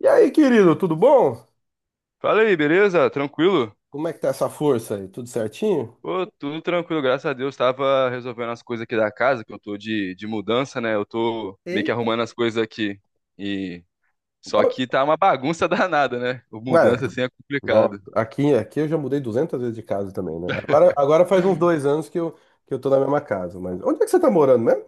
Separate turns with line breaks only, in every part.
E aí, querido, tudo bom?
Fala aí, beleza? Tranquilo?
Como é que tá essa força aí? Tudo certinho?
Pô, tudo tranquilo, graças a Deus. Tava resolvendo as coisas aqui da casa, que eu tô de mudança, né? Eu tô meio que
Eita,
arrumando as coisas aqui. E
ó,
só que tá uma bagunça danada, né? O Mudança
mano,
assim é
nossa,
complicado.
aqui eu já mudei 200 vezes de casa também, né? Agora faz uns 2 anos que eu tô na mesma casa, mas onde é que você tá morando mesmo?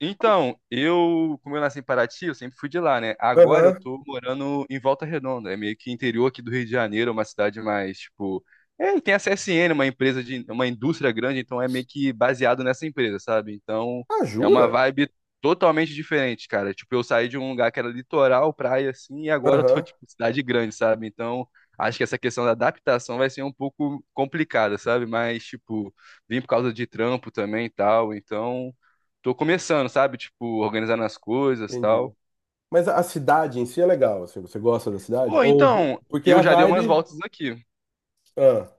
Então, como eu nasci em Paraty, eu sempre fui de lá, né? Agora eu
Aham.
tô morando em Volta Redonda, é meio que interior aqui do Rio de Janeiro, é uma cidade mais, tipo, tem a CSN, uma empresa uma indústria grande, então é meio que baseado nessa empresa, sabe? Então,
Ah,
é uma
jura?
vibe totalmente diferente, cara. Tipo, eu saí de um lugar que era litoral, praia assim, e agora eu tô
Aham,
tipo cidade grande, sabe? Então, acho que essa questão da adaptação vai ser um pouco complicada, sabe? Mas tipo, vim por causa de trampo também e tal, então tô começando, sabe? Tipo, organizando as coisas e
entendi.
tal.
Mas a cidade em si é legal, assim, você gosta da cidade?
Pô,
Ou,
então,
porque
eu
a
já dei umas
vibe,
voltas aqui.
ah,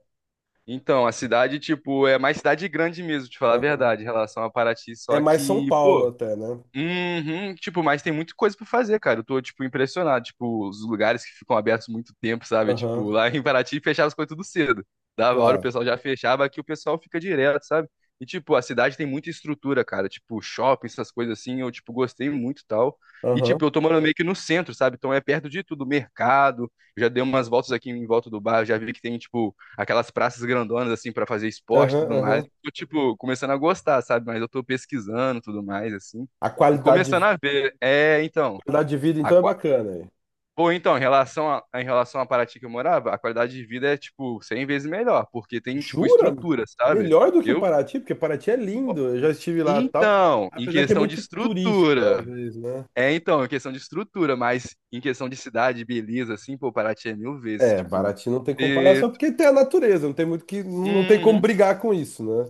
Então, a cidade, tipo, é mais cidade grande mesmo, te falar a
aham.
verdade, em relação a Paraty,
É
só
mais São
que,
Paulo
pô,
até, né?
uhum, tipo, mas tem muita coisa pra fazer, cara. Eu tô, tipo, impressionado. Tipo, os lugares que ficam abertos muito tempo, sabe?
Aham,
Tipo, lá em Paraty fechava as coisas tudo cedo. Dava hora, o
claro.
pessoal já fechava, aqui o pessoal fica direto, sabe? E, tipo, a cidade tem muita estrutura, cara. Tipo, shopping, essas coisas assim, eu, tipo, gostei muito e tal. E,
Aham,
tipo, eu tô morando meio que no centro, sabe? Então é perto de tudo, mercado. Já dei umas voltas aqui em volta do bairro, já vi que tem, tipo, aquelas praças grandonas, assim, pra fazer esporte e
aham,
tudo mais.
aham.
Tô, tipo, começando a gostar, sabe? Mas eu tô pesquisando e tudo mais, assim.
A
E
qualidade
começando
de,
a ver, é, então,
qualidade de vida,
a,
então, é
qua-
bacana aí.
pô, então, em relação à Paraty que eu morava, a qualidade de vida é, tipo, 100 vezes melhor, porque tem, tipo,
Jura?
estrutura, sabe?
Melhor do que
Eu,
Paraty, porque Paraty é lindo, eu já estive lá e tal.
então, em
Apesar que é
questão de
muito turístico,
estrutura,
talvez, né?
mas em questão de cidade, beleza, assim, pô, Paraty é mil vezes,
É,
tipo,
Paraty não tem
e,
comparação, porque tem a natureza, não tem muito que. Não tem como brigar com isso, né?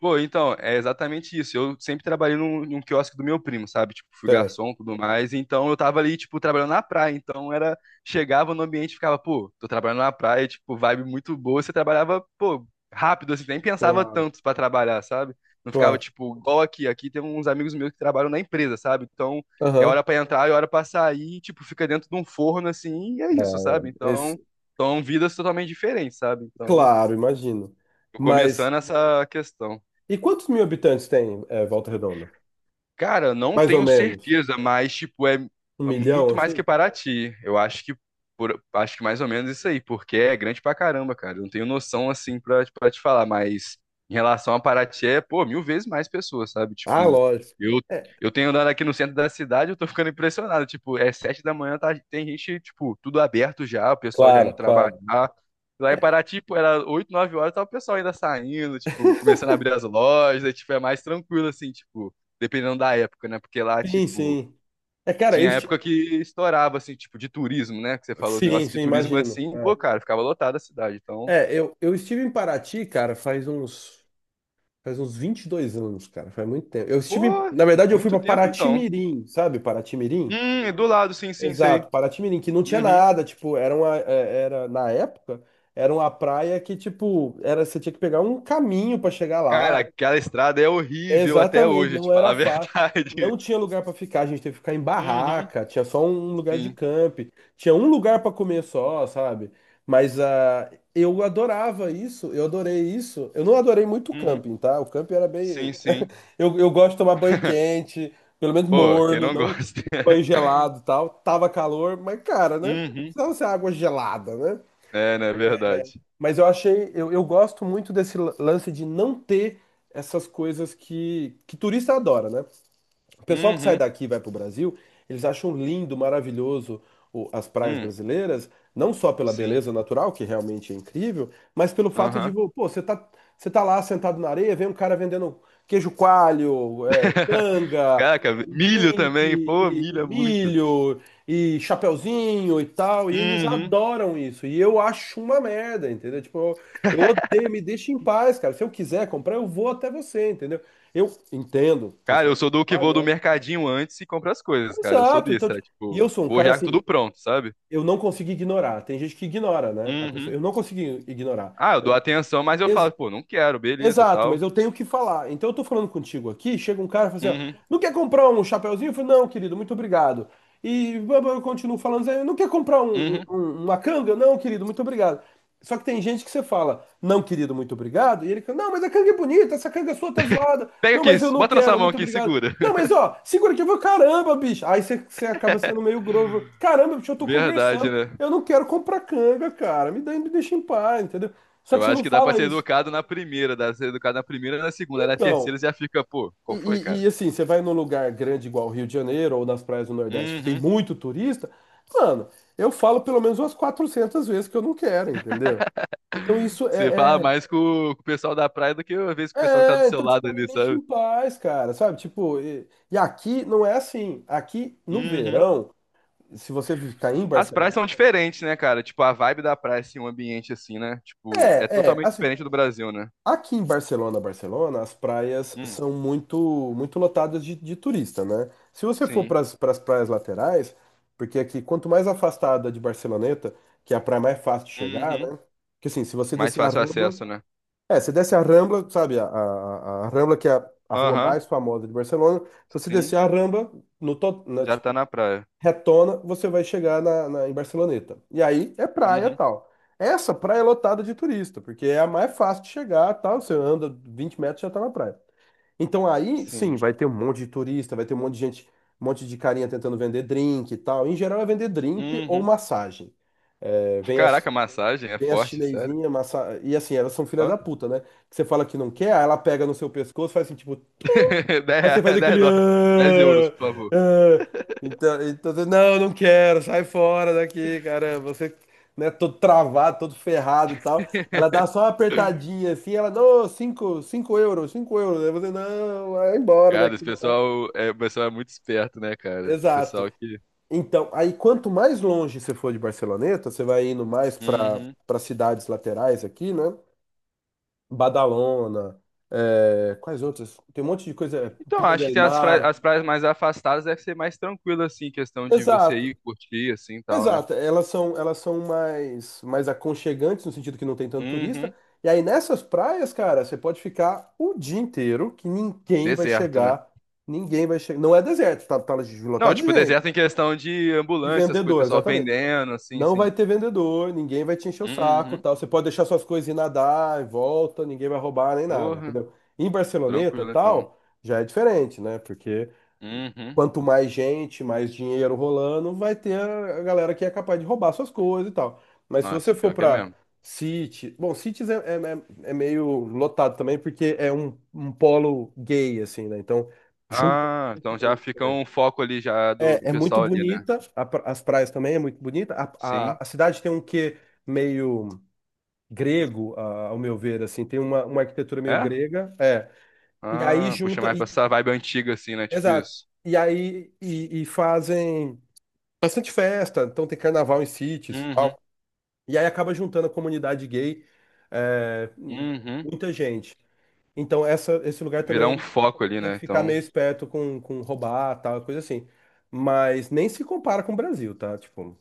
pô, então, é exatamente isso. Eu sempre trabalhei num quiosque do meu primo, sabe? Tipo, fui
Certo,
garçom, e tudo mais. Então, eu tava ali, tipo, trabalhando na praia. Então, era... Chegava no ambiente e ficava, pô, tô trabalhando na praia, tipo, vibe muito boa. Você trabalhava, pô, rápido, assim, nem pensava
claro,
tanto pra trabalhar, sabe? Não ficava,
claro.
tipo, igual aqui. Aqui tem uns amigos meus que trabalham na empresa, sabe? Então, é
Aham.
hora pra entrar, é hora pra sair. Tipo, fica dentro de um forno, assim, e é
é,
isso, sabe? Então,
esse,
são vidas totalmente diferentes, sabe? Então,
claro, imagino.
tô
Mas.
começando essa questão.
E quantos mil habitantes tem, Volta Redonda?
Cara, eu não
Mais ou
tenho
menos.
certeza, mas tipo é
Um milhão,
muito mais que
assim?
Paraty. Eu acho que por- acho que mais ou menos isso aí, porque é grande pra caramba, cara. Eu não tenho noção assim pra te falar, mas em relação a Paraty é, pô, mil vezes mais pessoas, sabe?
Ah,
Tipo,
lógico.
eu
É,
eu tenho andado aqui no centro da cidade, eu tô ficando impressionado. Tipo, é 7 da manhã, tá, tem gente tipo tudo aberto já, o pessoal já indo
claro, claro.
trabalhar. Lá em Paraty, pô, era 8 9 horas, tava o pessoal ainda saindo, tipo, começando a abrir as lojas, aí, tipo, é mais tranquilo, assim, tipo, dependendo da época, né? Porque lá,
Sim,
tipo,
sim. É, cara, eu.
tinha época que estourava, assim, tipo, de turismo, né? Que você falou,
Sim,
negócio de
sim,
turismo
imagino.
assim, pô, cara, ficava lotada a cidade. Então,
É, eu estive em Paraty, cara, faz uns 22 anos, cara, faz muito tempo. Eu estive,
pô,
na verdade, eu fui
muito
para
tempo então.
Paraty-Mirim, sabe? Paraty-Mirim?
É do lado, sim, sim, sei.
Exato, Paraty-Mirim, que não tinha
Uhum.
nada, tipo, era uma, é, era, na época, era uma praia que, tipo, era, você tinha que pegar um caminho para chegar
Cara,
lá.
aquela estrada é horrível até
Exatamente,
hoje, te
não
falar
era
a
fácil.
verdade.
Não tinha lugar para ficar, a gente teve que ficar em
Uhum,
barraca, tinha só um lugar de
sim.
camp, tinha um lugar para comer só, sabe? Mas eu adorava isso, eu adorei isso. Eu não adorei muito o
Uhum,
camping, tá? O camping era
sim,
bem.
sim.
Eu gosto de tomar banho quente, pelo menos
Pô, quem
morno,
não
não
gosta?
banho gelado e tal. Tava calor, mas cara, né? Não
Uhum.
precisava ser água gelada, né?
É, não é verdade.
Mas eu gosto muito desse lance de não ter essas coisas que turista adora, né? O pessoal que sai
Uhum.
daqui e vai pro Brasil, eles acham lindo, maravilhoso as praias
Hum,
brasileiras, não só pela
sim.
beleza natural, que realmente é incrível, mas pelo fato de, pô, você tá lá sentado na areia, vem um cara vendendo queijo coalho, canga,
Caraca,
um
milho
drink,
também, pô,
e
milho é muito.
milho, e chapeuzinho e tal, e eles
Uhum.
adoram isso. E eu acho uma merda, entendeu? Tipo, eu odeio, me deixa em paz, cara. Se eu quiser comprar, eu vou até você, entendeu? Eu entendo, o
Cara,
pessoal
eu
tá
sou do que vou do
trabalhando.
mercadinho antes e compro as coisas, cara. Eu sou
Exato. Então,
desse, é
tipo, e eu
tipo,
sou um
vou
cara
já com
assim,
tudo pronto, sabe?
eu não consigo ignorar. Tem gente que ignora, né? A pessoa,
Uhum.
eu não consigo ignorar.
Ah, eu dou atenção, mas eu falo, pô, não quero, beleza,
Exato, mas
tal.
eu tenho que falar. Então eu tô falando contigo aqui, chega um cara e fala assim, ó,
Uhum.
não quer comprar um chapeuzinho? Eu falo, não, querido, muito obrigado. E blá, blá, eu continuo falando, assim, não quer comprar
Uhum.
uma canga? Não, querido, muito obrigado. Só que tem gente que você fala, não, querido, muito obrigado, e ele fala, não, mas a canga é bonita, essa canga sua tá zoada.
Pega
Não,
aqui,
mas eu não
bota na sua
quero,
mão
muito
aqui,
obrigado.
segura.
Não, mas ó, segura que eu vou, caramba, bicho. Aí você acaba sendo meio grosso. Caramba, bicho, eu tô
Verdade,
conversando.
né?
Eu não quero comprar canga, cara. Me deixa em paz, entendeu? Só
Eu
que você
acho
não
que dá pra
fala
ser
isso.
educado na primeira, dá pra ser educado na primeira, na segunda, na
Então,
terceira já fica, pô, qual foi, cara?
assim, você vai num lugar grande igual o Rio de Janeiro ou nas praias do Nordeste que tem
Uhum.
muito turista, mano, eu falo pelo menos umas 400 vezes que eu não quero, entendeu? Então isso
Você fala mais com o pessoal da praia do que às vezes com o pessoal que tá do seu
então
lado
tipo, me
ali,
deixa em
sabe?
paz, cara, sabe? Tipo, e aqui não é assim. Aqui no
Uhum.
verão, se você ficar em
As praias
Barcelona,
são diferentes, né, cara? Tipo, a vibe da praia, assim, um ambiente assim, né? Tipo, é totalmente
assim,
diferente do Brasil, né?
aqui em Barcelona, as praias
Hum,
são muito muito lotadas de turista, né? Se você for
sim.
para as praias laterais, porque aqui quanto mais afastada de Barceloneta, que é a praia mais fácil de chegar,
Uhum.
né? Porque assim, se você
Mais
descer a
fácil
Rambla,
acesso, né?
você desce a Rambla, sabe, a Rambla que é a rua
Aham,
mais famosa de Barcelona, se você
sim.
descer a Rambla, no total,
Já tá na praia.
retona, você vai chegar na, em Barceloneta. E aí é praia
Uhum,
tal. Essa praia é lotada de turista, porque é a mais fácil de chegar, tal. Você anda 20 metros e já tá na praia. Então aí,
sim.
sim, vai ter um monte de turista, vai ter um monte de gente, um monte de carinha tentando vender drink e tal. Em geral é vender drink ou
Uhum.
massagem. É, vem as,
Caraca, massagem é
vem as
forte, sério?
chinesinhas, e assim, elas são filhas
Ó.
da puta, né? Que você fala que não quer, aí ela pega no seu pescoço, faz assim, tipo, aí você
10
faz
10
aquele.
dólares. 10 euros,
"Ah,
por favor.
ah". Então, você, não, não quero, sai fora daqui, caramba. Você, né, todo travado, todo ferrado e tal. Ela dá só uma apertadinha assim, ela, não, cinco, 5 euros, 5 euros. Aí você, não, vai embora
Cara, esse
daqui.
pessoal é, o pessoal é muito esperto, né, cara? Esse
Exato.
pessoal que.
Então, aí quanto mais longe você for de Barceloneta, você vai indo mais para cidades laterais aqui, né? Badalona, quais outras? Tem um monte de coisa,
Então,
Pina
acho
del
que
Mar.
as praias mais afastadas deve ser mais tranquilo, assim, questão de você
Exato.
ir curtir, assim, e tal, né?
Exato, elas são mais, aconchegantes no sentido que não tem tanto turista.
Uhum.
E aí nessas praias, cara, você pode ficar o dia inteiro que ninguém vai
Deserto, né?
chegar, ninguém vai chegar. Não é deserto, tá
Não,
lotado de
tipo,
gente,
deserto em questão de
de
ambulância, as coisas,
vendedor,
pessoal
exatamente.
vendendo, assim,
Não
sim.
vai ter vendedor, ninguém vai te encher o saco,
Uhum.
tal. Você pode deixar suas coisas e nadar e volta, ninguém vai roubar nem nada,
Porra,
entendeu? Em Barceloneta,
tranquilo, então.
tal, já é diferente, né? Porque
Uhum.
quanto mais gente, mais dinheiro rolando, vai ter a galera que é capaz de roubar suas coisas e tal. Mas se você
Nossa,
for
pior que é
pra
mesmo.
City, bom, Cities é meio lotado também, porque é um polo gay, assim, né? Então, junta
Ah,
bastante
então já
gente
fica
também.
um foco ali já do
É muito
pessoal ali, né?
bonita, a as praias também é muito bonita. A,
Sim.
a, a cidade tem um quê meio grego, ao meu ver, assim, tem uma arquitetura meio
É?
grega. É. E aí
Ah, puxa
junta,
mais pra
e,
essa vibe antiga, assim, né? Tipo
exato.
isso.
E aí e fazem. Bastante festa, então tem carnaval em sítios, e
Uhum.
tal. E aí acaba juntando a comunidade gay, é,
Uhum.
muita gente. Então esse lugar
Virar um
também
foco ali,
tem
né?
que ficar
Então.
meio esperto com roubar, tal, coisa assim. Mas nem se compara com o Brasil, tá? Tipo,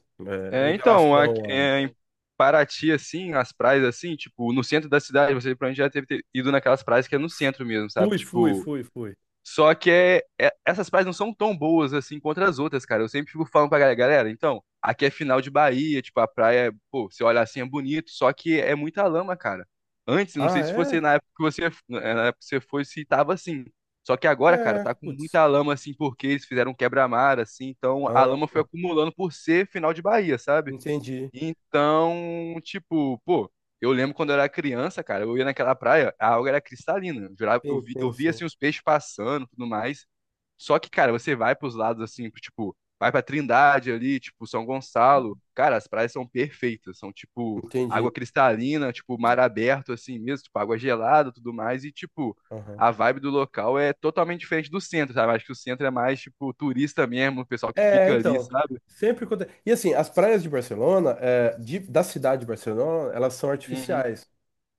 É,
em
então, a-
relação
é,
a...
em Paraty, assim, as praias, assim, tipo, no centro da cidade, você provavelmente já deve ter ido naquelas praias que é no centro mesmo, sabe?
Fui, fui,
Tipo,
fui, fui.
só que é, essas praias não são tão boas, assim, contra as outras, cara. Eu sempre fico falando pra galera, galera, então, aqui é final de Bahia, tipo, a praia, pô, você olha assim, é bonito, só que é muita lama, cara. Antes, não
Ah,
sei se você,
é?
na época que você, eh, na época que você foi, se tava assim. Só que agora, cara,
É,
tá com
putz.
muita lama, assim, porque eles fizeram um quebra-mar, assim, então a
Ah,
lama foi acumulando por ser final de Bahia, sabe?
entendi.
Então, tipo, pô, eu lembro quando eu era criança, cara, eu ia naquela praia, a água era cristalina. Eu, jurava-
Sim,
eu vi,
sim,
eu via, assim,
sim.
os peixes passando e tudo mais. Só que, cara, você vai pros lados, assim, pro, tipo, vai pra Trindade ali, tipo, São Gonçalo. Cara, as praias são perfeitas, são, tipo, água
Entendi.
cristalina, tipo, mar aberto, assim mesmo, tipo, água gelada e tudo mais. E, tipo,
Aham.
a vibe do local é totalmente diferente do centro, sabe? Acho que o centro é mais, tipo, turista mesmo, o pessoal que
É,
fica ali,
então,
sabe?
sempre acontece. E assim, as praias de Barcelona, da cidade de Barcelona, elas são
Uhum.
artificiais.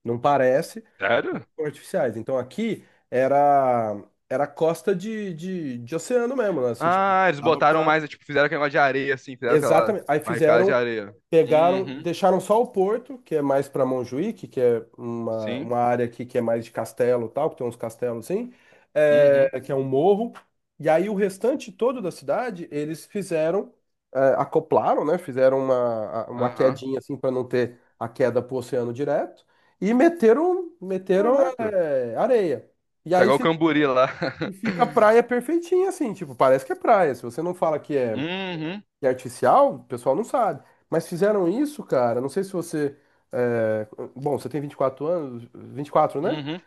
Não parece, mas elas
Sério?
são artificiais. Então aqui era era costa de oceano mesmo, né? Assim, tipo,
Ah, eles
dava
botaram
pra.
mais, tipo, fizeram aquele negócio de areia, assim, fizeram aquela
Exatamente. Aí
barricada de
fizeram
areia.
Pegaram,
Uhum,
deixaram só o Porto, que é mais para Montjuïc, que é uma,
sim,
uma área aqui que é mais de castelo e tal, que tem uns castelos assim,
uhum,
que é um morro. E aí o restante todo da cidade, eles acoplaram, né? Fizeram uma
aham.
quedinha assim para não ter a queda pro oceano direto e meteram, meteram,
Caraca,
é, areia. E
tá
aí
igual o
fica,
Camburi lá.
e fica a praia perfeitinha assim, tipo, parece que é praia. Se você não fala que é
Uhum,
e artificial, o pessoal não sabe. Mas fizeram isso, cara. Não sei se você. é, Bom, você tem 24 anos, 24, né?
uhum.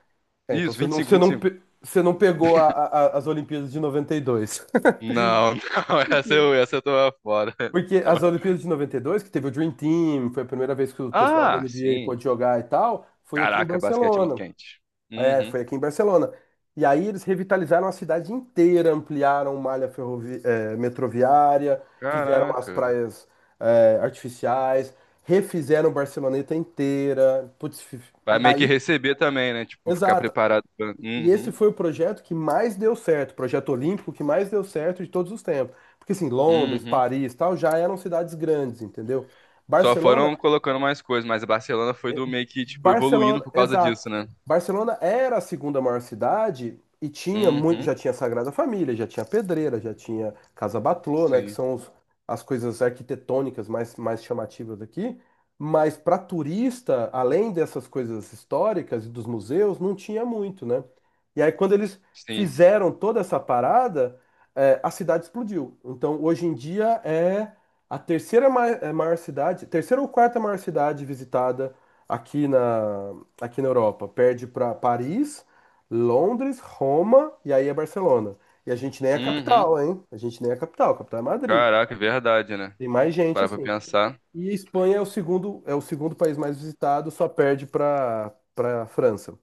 É, então
Isso,
você
vinte
não,
vinte e cinco,
você
vinte e
não,
cinco.
pe- você não pegou as Olimpíadas de 92,
Não, não, essa eu, essa eu tô fora.
Porque
Tá bom.
as Olimpíadas de 92, que teve o Dream Team, foi a primeira vez que o pessoal da
Ah,
NBA
sim.
pôde jogar e tal, foi aqui em
Caraca, basquete é muito
Barcelona.
quente.
É,
Uhum.
foi aqui em Barcelona. E aí eles revitalizaram a cidade inteira, ampliaram malha metroviária, fizeram as
Caraca.
praias artificiais, refizeram Barceloneta inteira. Putz, e
Vai meio que
aí,
receber também, né? Tipo, ficar
exato.
preparado pra...
E esse
Uhum,
foi o projeto que mais deu certo, o projeto olímpico que mais deu certo de todos os tempos. Porque assim, Londres,
uhum.
Paris, tal, já eram cidades grandes, entendeu?
Só
Barcelona
foram colocando mais coisas, mas a Barcelona foi do meio que, tipo, evoluindo
Barcelona,
por causa
exato.
disso, né?
Barcelona era a segunda maior cidade e tinha muito, já
Uhum,
tinha Sagrada Família, já tinha Pedreira, já tinha Casa Batlló, né, que
sim,
são as coisas arquitetônicas mais chamativas aqui. Mas para turista, além dessas coisas históricas e dos museus, não tinha muito, né? E aí quando eles
sim.
fizeram toda essa parada, a cidade explodiu. Então hoje em dia é a terceira maior cidade, terceira ou quarta maior cidade visitada aqui na, aqui na Europa. Perde para Paris, Londres, Roma e aí é Barcelona. E a gente nem é a
Uhum.
capital, hein? A gente nem é a capital é Madrid.
Caraca, é verdade, né?
Tem mais
Se
gente
parar pra
assim.
pensar,
E a Espanha é o segundo país mais visitado, só perde para França.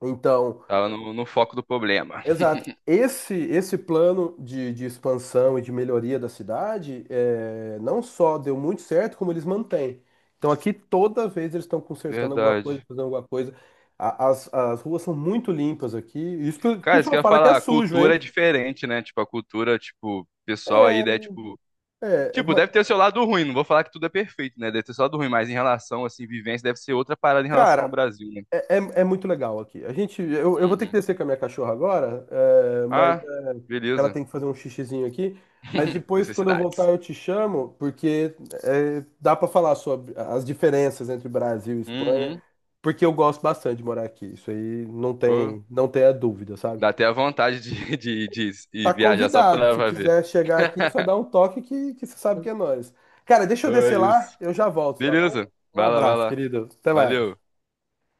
Então,
tava no foco do problema.
exato. Esse plano de expansão e de melhoria da cidade não só deu muito certo, como eles mantêm. Então aqui toda vez eles estão consertando alguma coisa,
Verdade.
fazendo alguma coisa. As ruas são muito limpas aqui. Isso que o
Cara, isso que
pessoal
eu ia
fala que é
falar, a
sujo,
cultura é
hein?
diferente, né? Tipo, a cultura, tipo, pessoal aí, né? Tipo,
É,
tipo,
mas,
deve ter o seu lado ruim, não vou falar que tudo é perfeito, né? Deve ter o seu lado ruim, mas em relação, assim, vivência, deve ser outra parada em relação ao
cara,
Brasil, né?
É, é, é muito legal aqui. Eu vou ter que
Uhum.
descer com a minha cachorra agora,
Ah,
ela
beleza.
tem que fazer um xixizinho aqui. Mas depois, quando eu voltar,
Necessidades.
eu te chamo, porque dá para falar sobre as diferenças entre Brasil e Espanha,
Uhum.
porque eu gosto bastante de morar aqui. Isso aí não
Pô.
tem, não tem a dúvida, sabe?
Dá até a vontade de
Tá
ir viajar só
convidado.
pra lá
Se
pra ver.
quiser chegar aqui, só dá um toque que você sabe que é nós. Cara, deixa eu
É
descer lá,
isso.
eu já volto, tá bom?
Beleza.
Um
Vai lá, vai
abraço,
lá.
querido. Até mais.
Valeu.